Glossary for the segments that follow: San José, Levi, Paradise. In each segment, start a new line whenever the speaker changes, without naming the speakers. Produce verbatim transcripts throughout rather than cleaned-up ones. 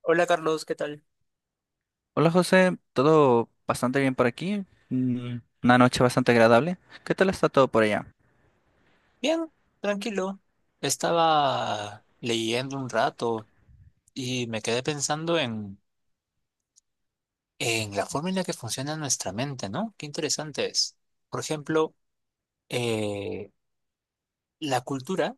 Hola Carlos, ¿qué tal?
Hola José, todo bastante bien por aquí, Mm, una noche bastante agradable. ¿Qué tal está todo por allá?
Bien, tranquilo. Estaba leyendo un rato y me quedé pensando en, en la forma en la que funciona nuestra mente, ¿no? Qué interesante es. Por ejemplo, eh, la cultura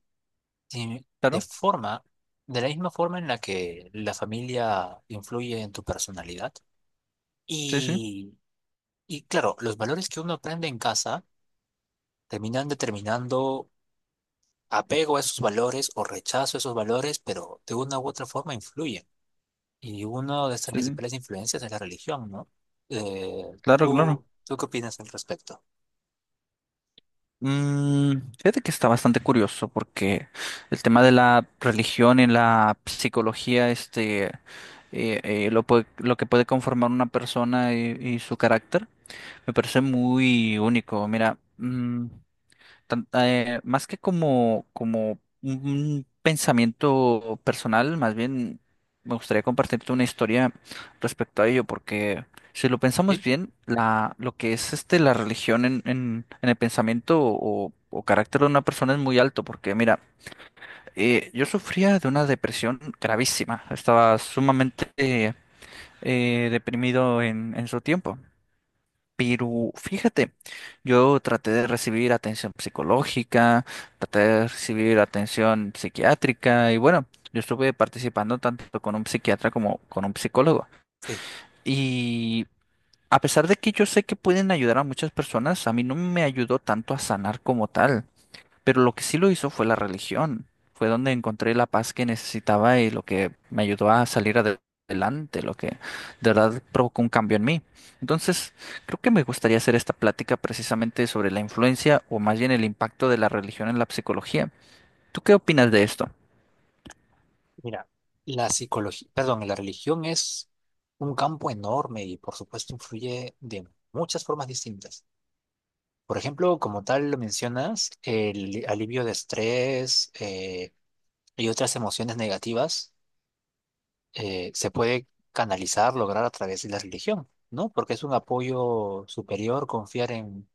te, te
Claro,
forma de la misma forma en la que la familia influye en tu personalidad.
sí, sí,
Y, y claro, los valores que uno aprende en casa terminan determinando apego a esos valores o rechazo a esos valores, pero de una u otra forma influyen. Y una de estas
sí, sí,
principales influencias es la religión, ¿no? Eh,
claro, claro.
¿tú, tú qué opinas al respecto?
Mm, fíjate que está bastante curioso porque el tema de la religión y la psicología, este, eh, eh, lo, puede- lo que puede conformar una persona y, y su carácter, me parece muy único. Mira, mm, tan- eh, más que como, como un pensamiento personal, más bien me gustaría compartirte una historia respecto a ello, porque si lo pensamos
¿Sí?
bien, la, lo que es este, la religión en, en, en el pensamiento o, o carácter de una persona es muy alto, porque mira, eh, yo sufría de una depresión gravísima, estaba sumamente eh, eh, deprimido en, en su tiempo. Pero fíjate, yo traté de recibir atención psicológica, traté de recibir atención psiquiátrica y bueno, yo estuve participando tanto con un psiquiatra como con un psicólogo.
Sí,
Y a pesar de que yo sé que pueden ayudar a muchas personas, a mí no me ayudó tanto a sanar como tal. Pero lo que sí lo hizo fue la religión. Fue donde encontré la paz que necesitaba y lo que me ayudó a salir ade- adelante, lo que de verdad provocó un cambio en mí. Entonces, creo que me gustaría hacer esta plática precisamente sobre la influencia o más bien el impacto de la religión en la psicología. ¿Tú qué opinas de esto?
mira, la psicología, perdón, la religión es un campo enorme y por supuesto influye de muchas formas distintas. Por ejemplo, como tal lo mencionas, el alivio de estrés eh, y otras emociones negativas eh, se puede canalizar, lograr a través de la religión, ¿no? Porque es un apoyo superior confiar en,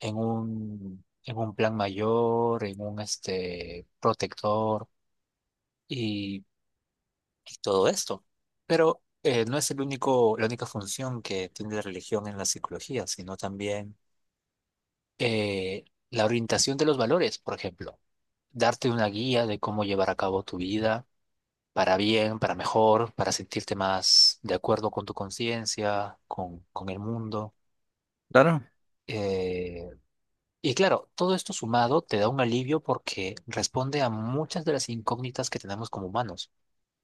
en un, en un plan mayor, en un este, protector y, y todo esto. Pero eh, no es el único, la única función que tiene la religión en la psicología, sino también eh, la orientación de los valores, por ejemplo, darte una guía de cómo llevar a cabo tu vida para bien, para mejor, para sentirte más de acuerdo con tu conciencia, con, con el mundo.
Claro.
Eh, y claro, todo esto sumado te da un alivio porque responde a muchas de las incógnitas que tenemos como humanos,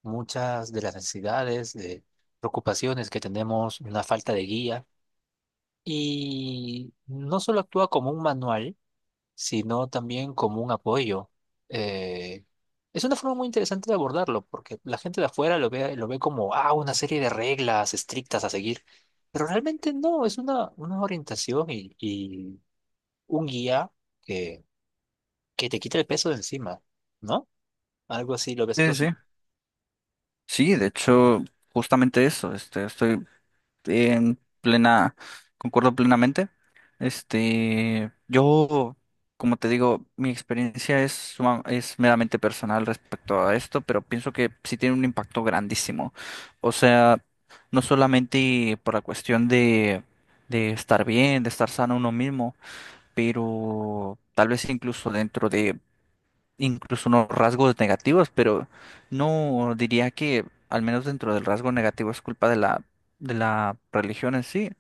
muchas de las necesidades, de preocupaciones que tenemos, una falta de guía. Y no solo actúa como un manual, sino también como un apoyo. Eh, es una forma muy interesante de abordarlo, porque la gente de afuera lo ve, lo ve como, ah, una serie de reglas estrictas a seguir, pero realmente no, es una, una orientación y, y un guía que, que te quita el peso de encima, ¿no? Algo así, ¿lo ves tú
Sí, sí.
así?
Sí, de hecho, justamente eso. Este, estoy este, en plena, concuerdo plenamente. Este, yo, como te digo, mi experiencia es, suma- es meramente personal respecto a esto, pero pienso que sí tiene un impacto grandísimo. O sea, no solamente por la cuestión de, de estar bien, de estar sano uno mismo, pero tal vez incluso dentro de incluso unos rasgos negativos, pero no diría que, al menos dentro del rasgo negativo, es culpa de la, de la religión en sí.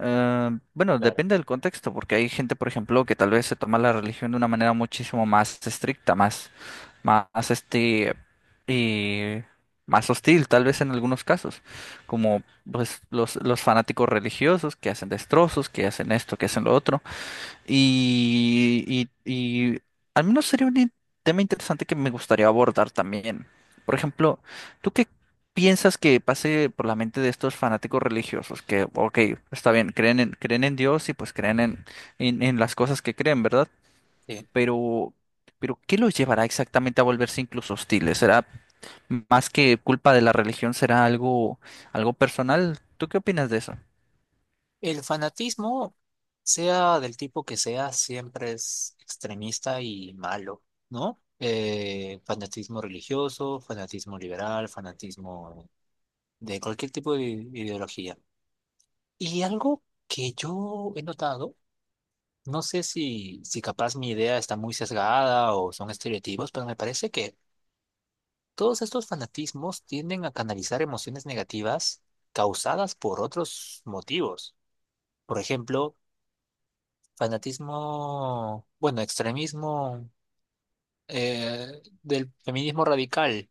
Eh, bueno,
Claro.
depende del contexto, porque hay gente, por ejemplo, que tal vez se toma la religión de una manera muchísimo más estricta, más, más este, y más hostil, tal vez en algunos casos, como pues, los, los fanáticos religiosos que hacen destrozos, que hacen esto, que hacen lo otro. Y, y, y al menos sería un in- tema interesante que me gustaría abordar también. Por ejemplo, ¿tú qué piensas que pase por la mente de estos fanáticos religiosos? Que, ok, está bien, creen en, creen en Dios y pues creen en, en, en las cosas que creen, ¿verdad?
Sí.
Pero, pero ¿qué los llevará exactamente a volverse incluso hostiles? ¿Será más que culpa de la religión? ¿Será algo, algo personal? ¿Tú qué opinas de eso?
El fanatismo, sea del tipo que sea, siempre es extremista y malo, ¿no? Eh, fanatismo religioso, fanatismo liberal, fanatismo de cualquier tipo de ideología. Y algo que yo he notado, no sé si, si capaz mi idea está muy sesgada o son estereotipos, pero me parece que todos estos fanatismos tienden a canalizar emociones negativas causadas por otros motivos. Por ejemplo, fanatismo, bueno, extremismo eh, del feminismo radical.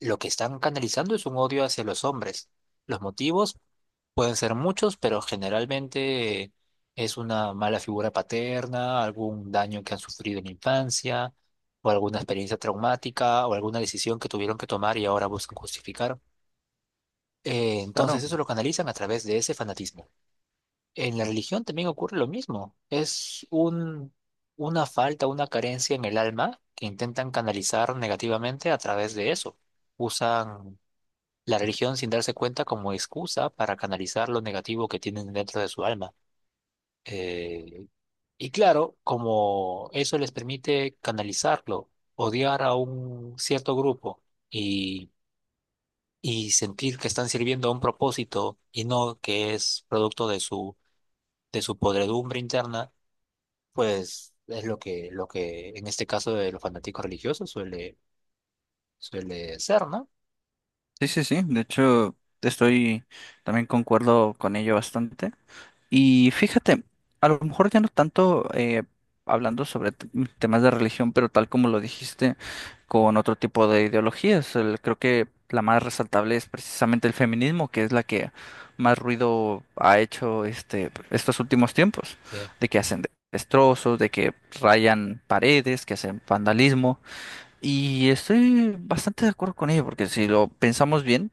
Lo que están canalizando es un odio hacia los hombres. Los motivos pueden ser muchos, pero generalmente es una mala figura paterna, algún daño que han sufrido en la infancia, o alguna experiencia traumática, o alguna decisión que tuvieron que tomar y ahora buscan justificar. Eh,
Claro.
entonces eso lo canalizan a través de ese fanatismo. En la religión también ocurre lo mismo. Es un, una falta, una carencia en el alma que intentan canalizar negativamente a través de eso. Usan la religión sin darse cuenta como excusa para canalizar lo negativo que tienen dentro de su alma. Eh, y claro, como eso les permite canalizarlo, odiar a un cierto grupo y, y sentir que están sirviendo a un propósito y no que es producto de su, de su podredumbre interna pues es lo que, lo que en este caso de los fanáticos religiosos suele, suele ser, ¿no?
Sí, sí, sí. De hecho, estoy también concuerdo con ello bastante. Y fíjate, a lo mejor ya no tanto eh, hablando sobre t- temas de religión, pero tal como lo dijiste, con otro tipo de ideologías. El- creo que la más resaltable es precisamente el feminismo, que es la que más ruido ha hecho este estos últimos tiempos,
Sí,
de que hacen de- destrozos, de que rayan paredes, que hacen vandalismo. Y estoy bastante de acuerdo con ello, porque si lo pensamos bien,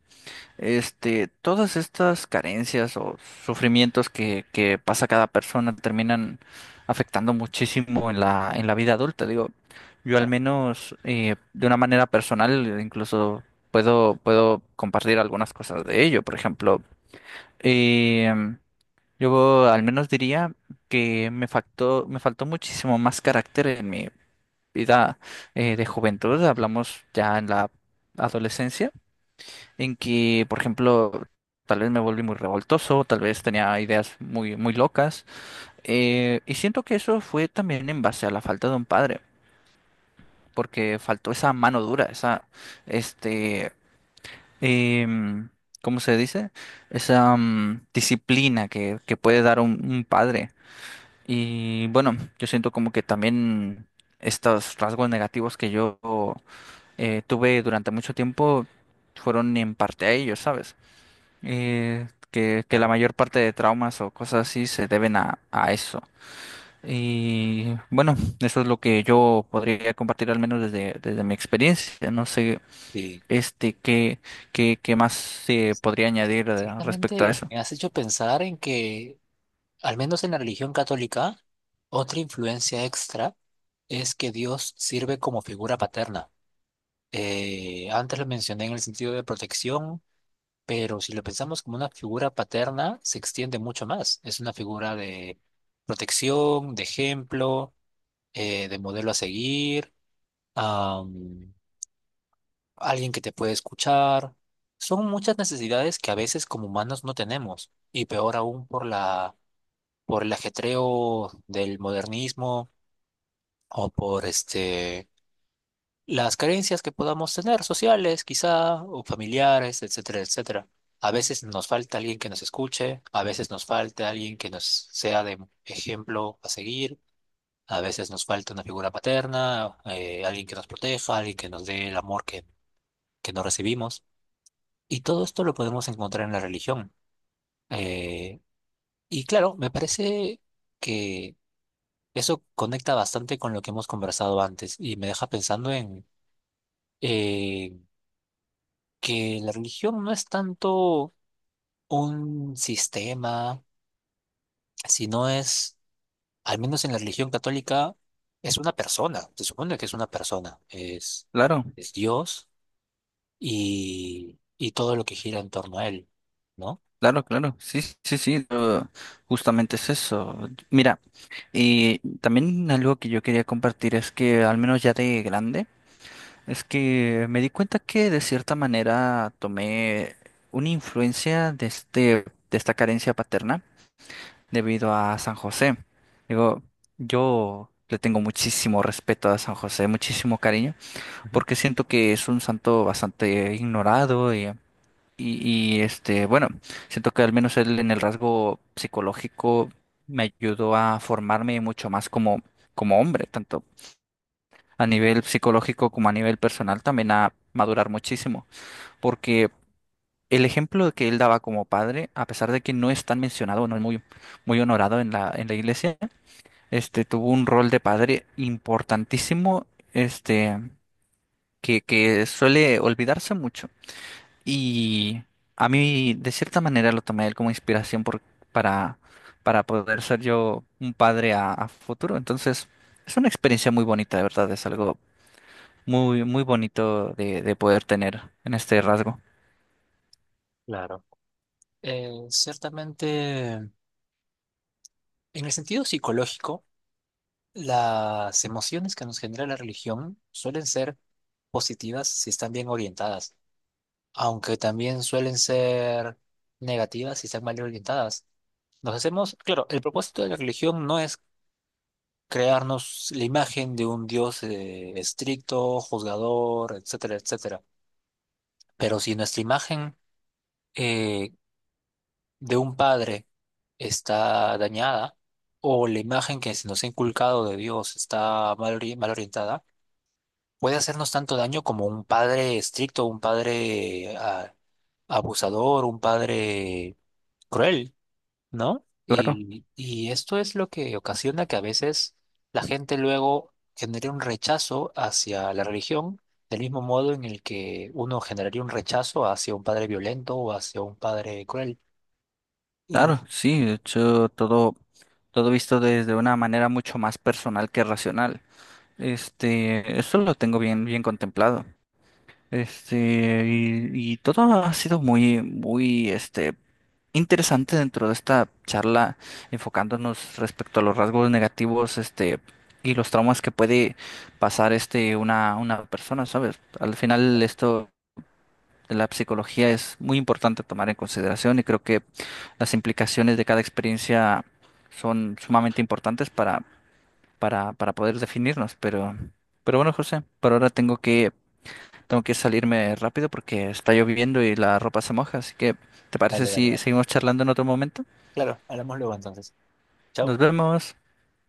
este, todas estas carencias o sufrimientos que, que pasa cada persona terminan afectando muchísimo en la, en la vida adulta. Digo, yo al
claro,
menos eh, de una manera personal incluso puedo, puedo compartir algunas cosas de ello. Por ejemplo, em, yo al menos diría que me faltó, me faltó muchísimo más carácter en mi vida eh, de juventud. Hablamos ya en la adolescencia en que, por ejemplo, tal vez me volví muy revoltoso, tal vez tenía ideas muy, muy locas, eh, y siento que eso fue también en base a la falta de un padre, porque faltó esa mano dura, esa, este, em, ¿cómo se dice? Esa, mm, disciplina que, que puede dar un, un padre. Y bueno, yo siento como que también estos rasgos negativos que yo eh, tuve durante mucho tiempo fueron en parte a ellos, ¿sabes? eh, que, que la
claro.
mayor parte de traumas o cosas así se deben a, a eso. Y bueno, eso es lo que yo podría compartir al menos desde, desde mi experiencia. No sé,
Y
este, qué, qué, qué más se podría añadir eh, respecto a
ciertamente
eso.
me has hecho pensar en que, al menos en la religión católica, otra influencia extra es que Dios sirve como figura paterna. Eh, antes lo mencioné en el sentido de protección, pero si lo pensamos como una figura paterna, se extiende mucho más. Es una figura de protección, de ejemplo, eh, de modelo a seguir. am, alguien que te puede escuchar. Son muchas necesidades que a veces como humanos no tenemos, y peor aún por la, por el ajetreo del modernismo o por este, las carencias que podamos tener, sociales quizá, o familiares, etcétera, etcétera. A veces nos falta alguien que nos escuche, a veces nos falta alguien que nos sea de ejemplo a seguir, a veces nos falta una figura paterna, eh, alguien que nos proteja, alguien que nos dé el amor que, que no recibimos. Y todo esto lo podemos encontrar en la religión. Eh, y claro, me parece que eso conecta bastante con lo que hemos conversado antes y me deja pensando en eh, que la religión no es tanto un sistema, sino es, al menos en la religión católica, es una persona. Se supone que es una persona, es,
Claro,
es Dios y, y todo lo que gira en torno a él, ¿no?
claro, claro. Sí, sí, sí. eh, Justamente es eso. Mira, y también algo que yo quería compartir es que al menos ya de grande. Es que me di cuenta que de cierta manera tomé una influencia de este, de esta carencia paterna debido a San José. Digo, yo le tengo muchísimo respeto a San José, muchísimo cariño,
Ujú.
porque siento que es un santo bastante ignorado y, y, y, este, bueno, siento que al menos él en el rasgo psicológico me ayudó a formarme mucho más como, como hombre, tanto a nivel psicológico como a nivel personal también a madurar muchísimo, porque el ejemplo que él daba como padre, a pesar de que no es tan mencionado, no es muy, muy honorado en la, en la iglesia, este tuvo un rol de padre importantísimo, este, que, que suele olvidarse mucho. Y a mí, de cierta manera, lo tomé a él como inspiración por- para, para poder ser yo un padre a, a futuro. Entonces, es una experiencia muy bonita, de verdad, es algo muy, muy bonito de, de poder tener en este rasgo.
Claro. Eh, ciertamente. En el sentido psicológico, las emociones que nos genera la religión suelen ser positivas si están bien orientadas, aunque también suelen ser negativas si están mal orientadas. Nos hacemos, claro, el propósito de la religión no es crearnos la imagen de un Dios eh, estricto, juzgador, etcétera, etcétera. Pero si nuestra imagen eh, de un padre está dañada o la imagen que se nos ha inculcado de Dios está mal, ori- mal orientada, puede hacernos tanto daño como un padre estricto, un padre ah, abusador, un padre cruel, ¿no?
Claro,
Y, y esto es lo que ocasiona que a veces la gente luego genere un rechazo hacia la religión, del mismo modo en el que uno generaría un rechazo hacia un padre violento o hacia un padre cruel. Y...
claro, sí, de hecho, todo, todo visto desde una manera mucho más personal que racional. Este, eso lo tengo bien, bien contemplado. Este, y, y todo ha sido muy, muy, este, interesante dentro de esta charla, enfocándonos respecto a los rasgos negativos, este, y los traumas que puede pasar, este, una, una persona, ¿sabes? Al final esto la psicología es muy importante tomar en consideración y creo que las implicaciones de cada experiencia son sumamente importantes para, para, para poder definirnos. Pero, pero bueno, José, por ahora tengo que, tengo que salirme rápido porque está lloviendo y la ropa se moja. Así que, ¿te parece
Vale, vale,
si
vale.
seguimos charlando en otro momento?
Claro, hablamos luego entonces.
Nos
Chau.
vemos.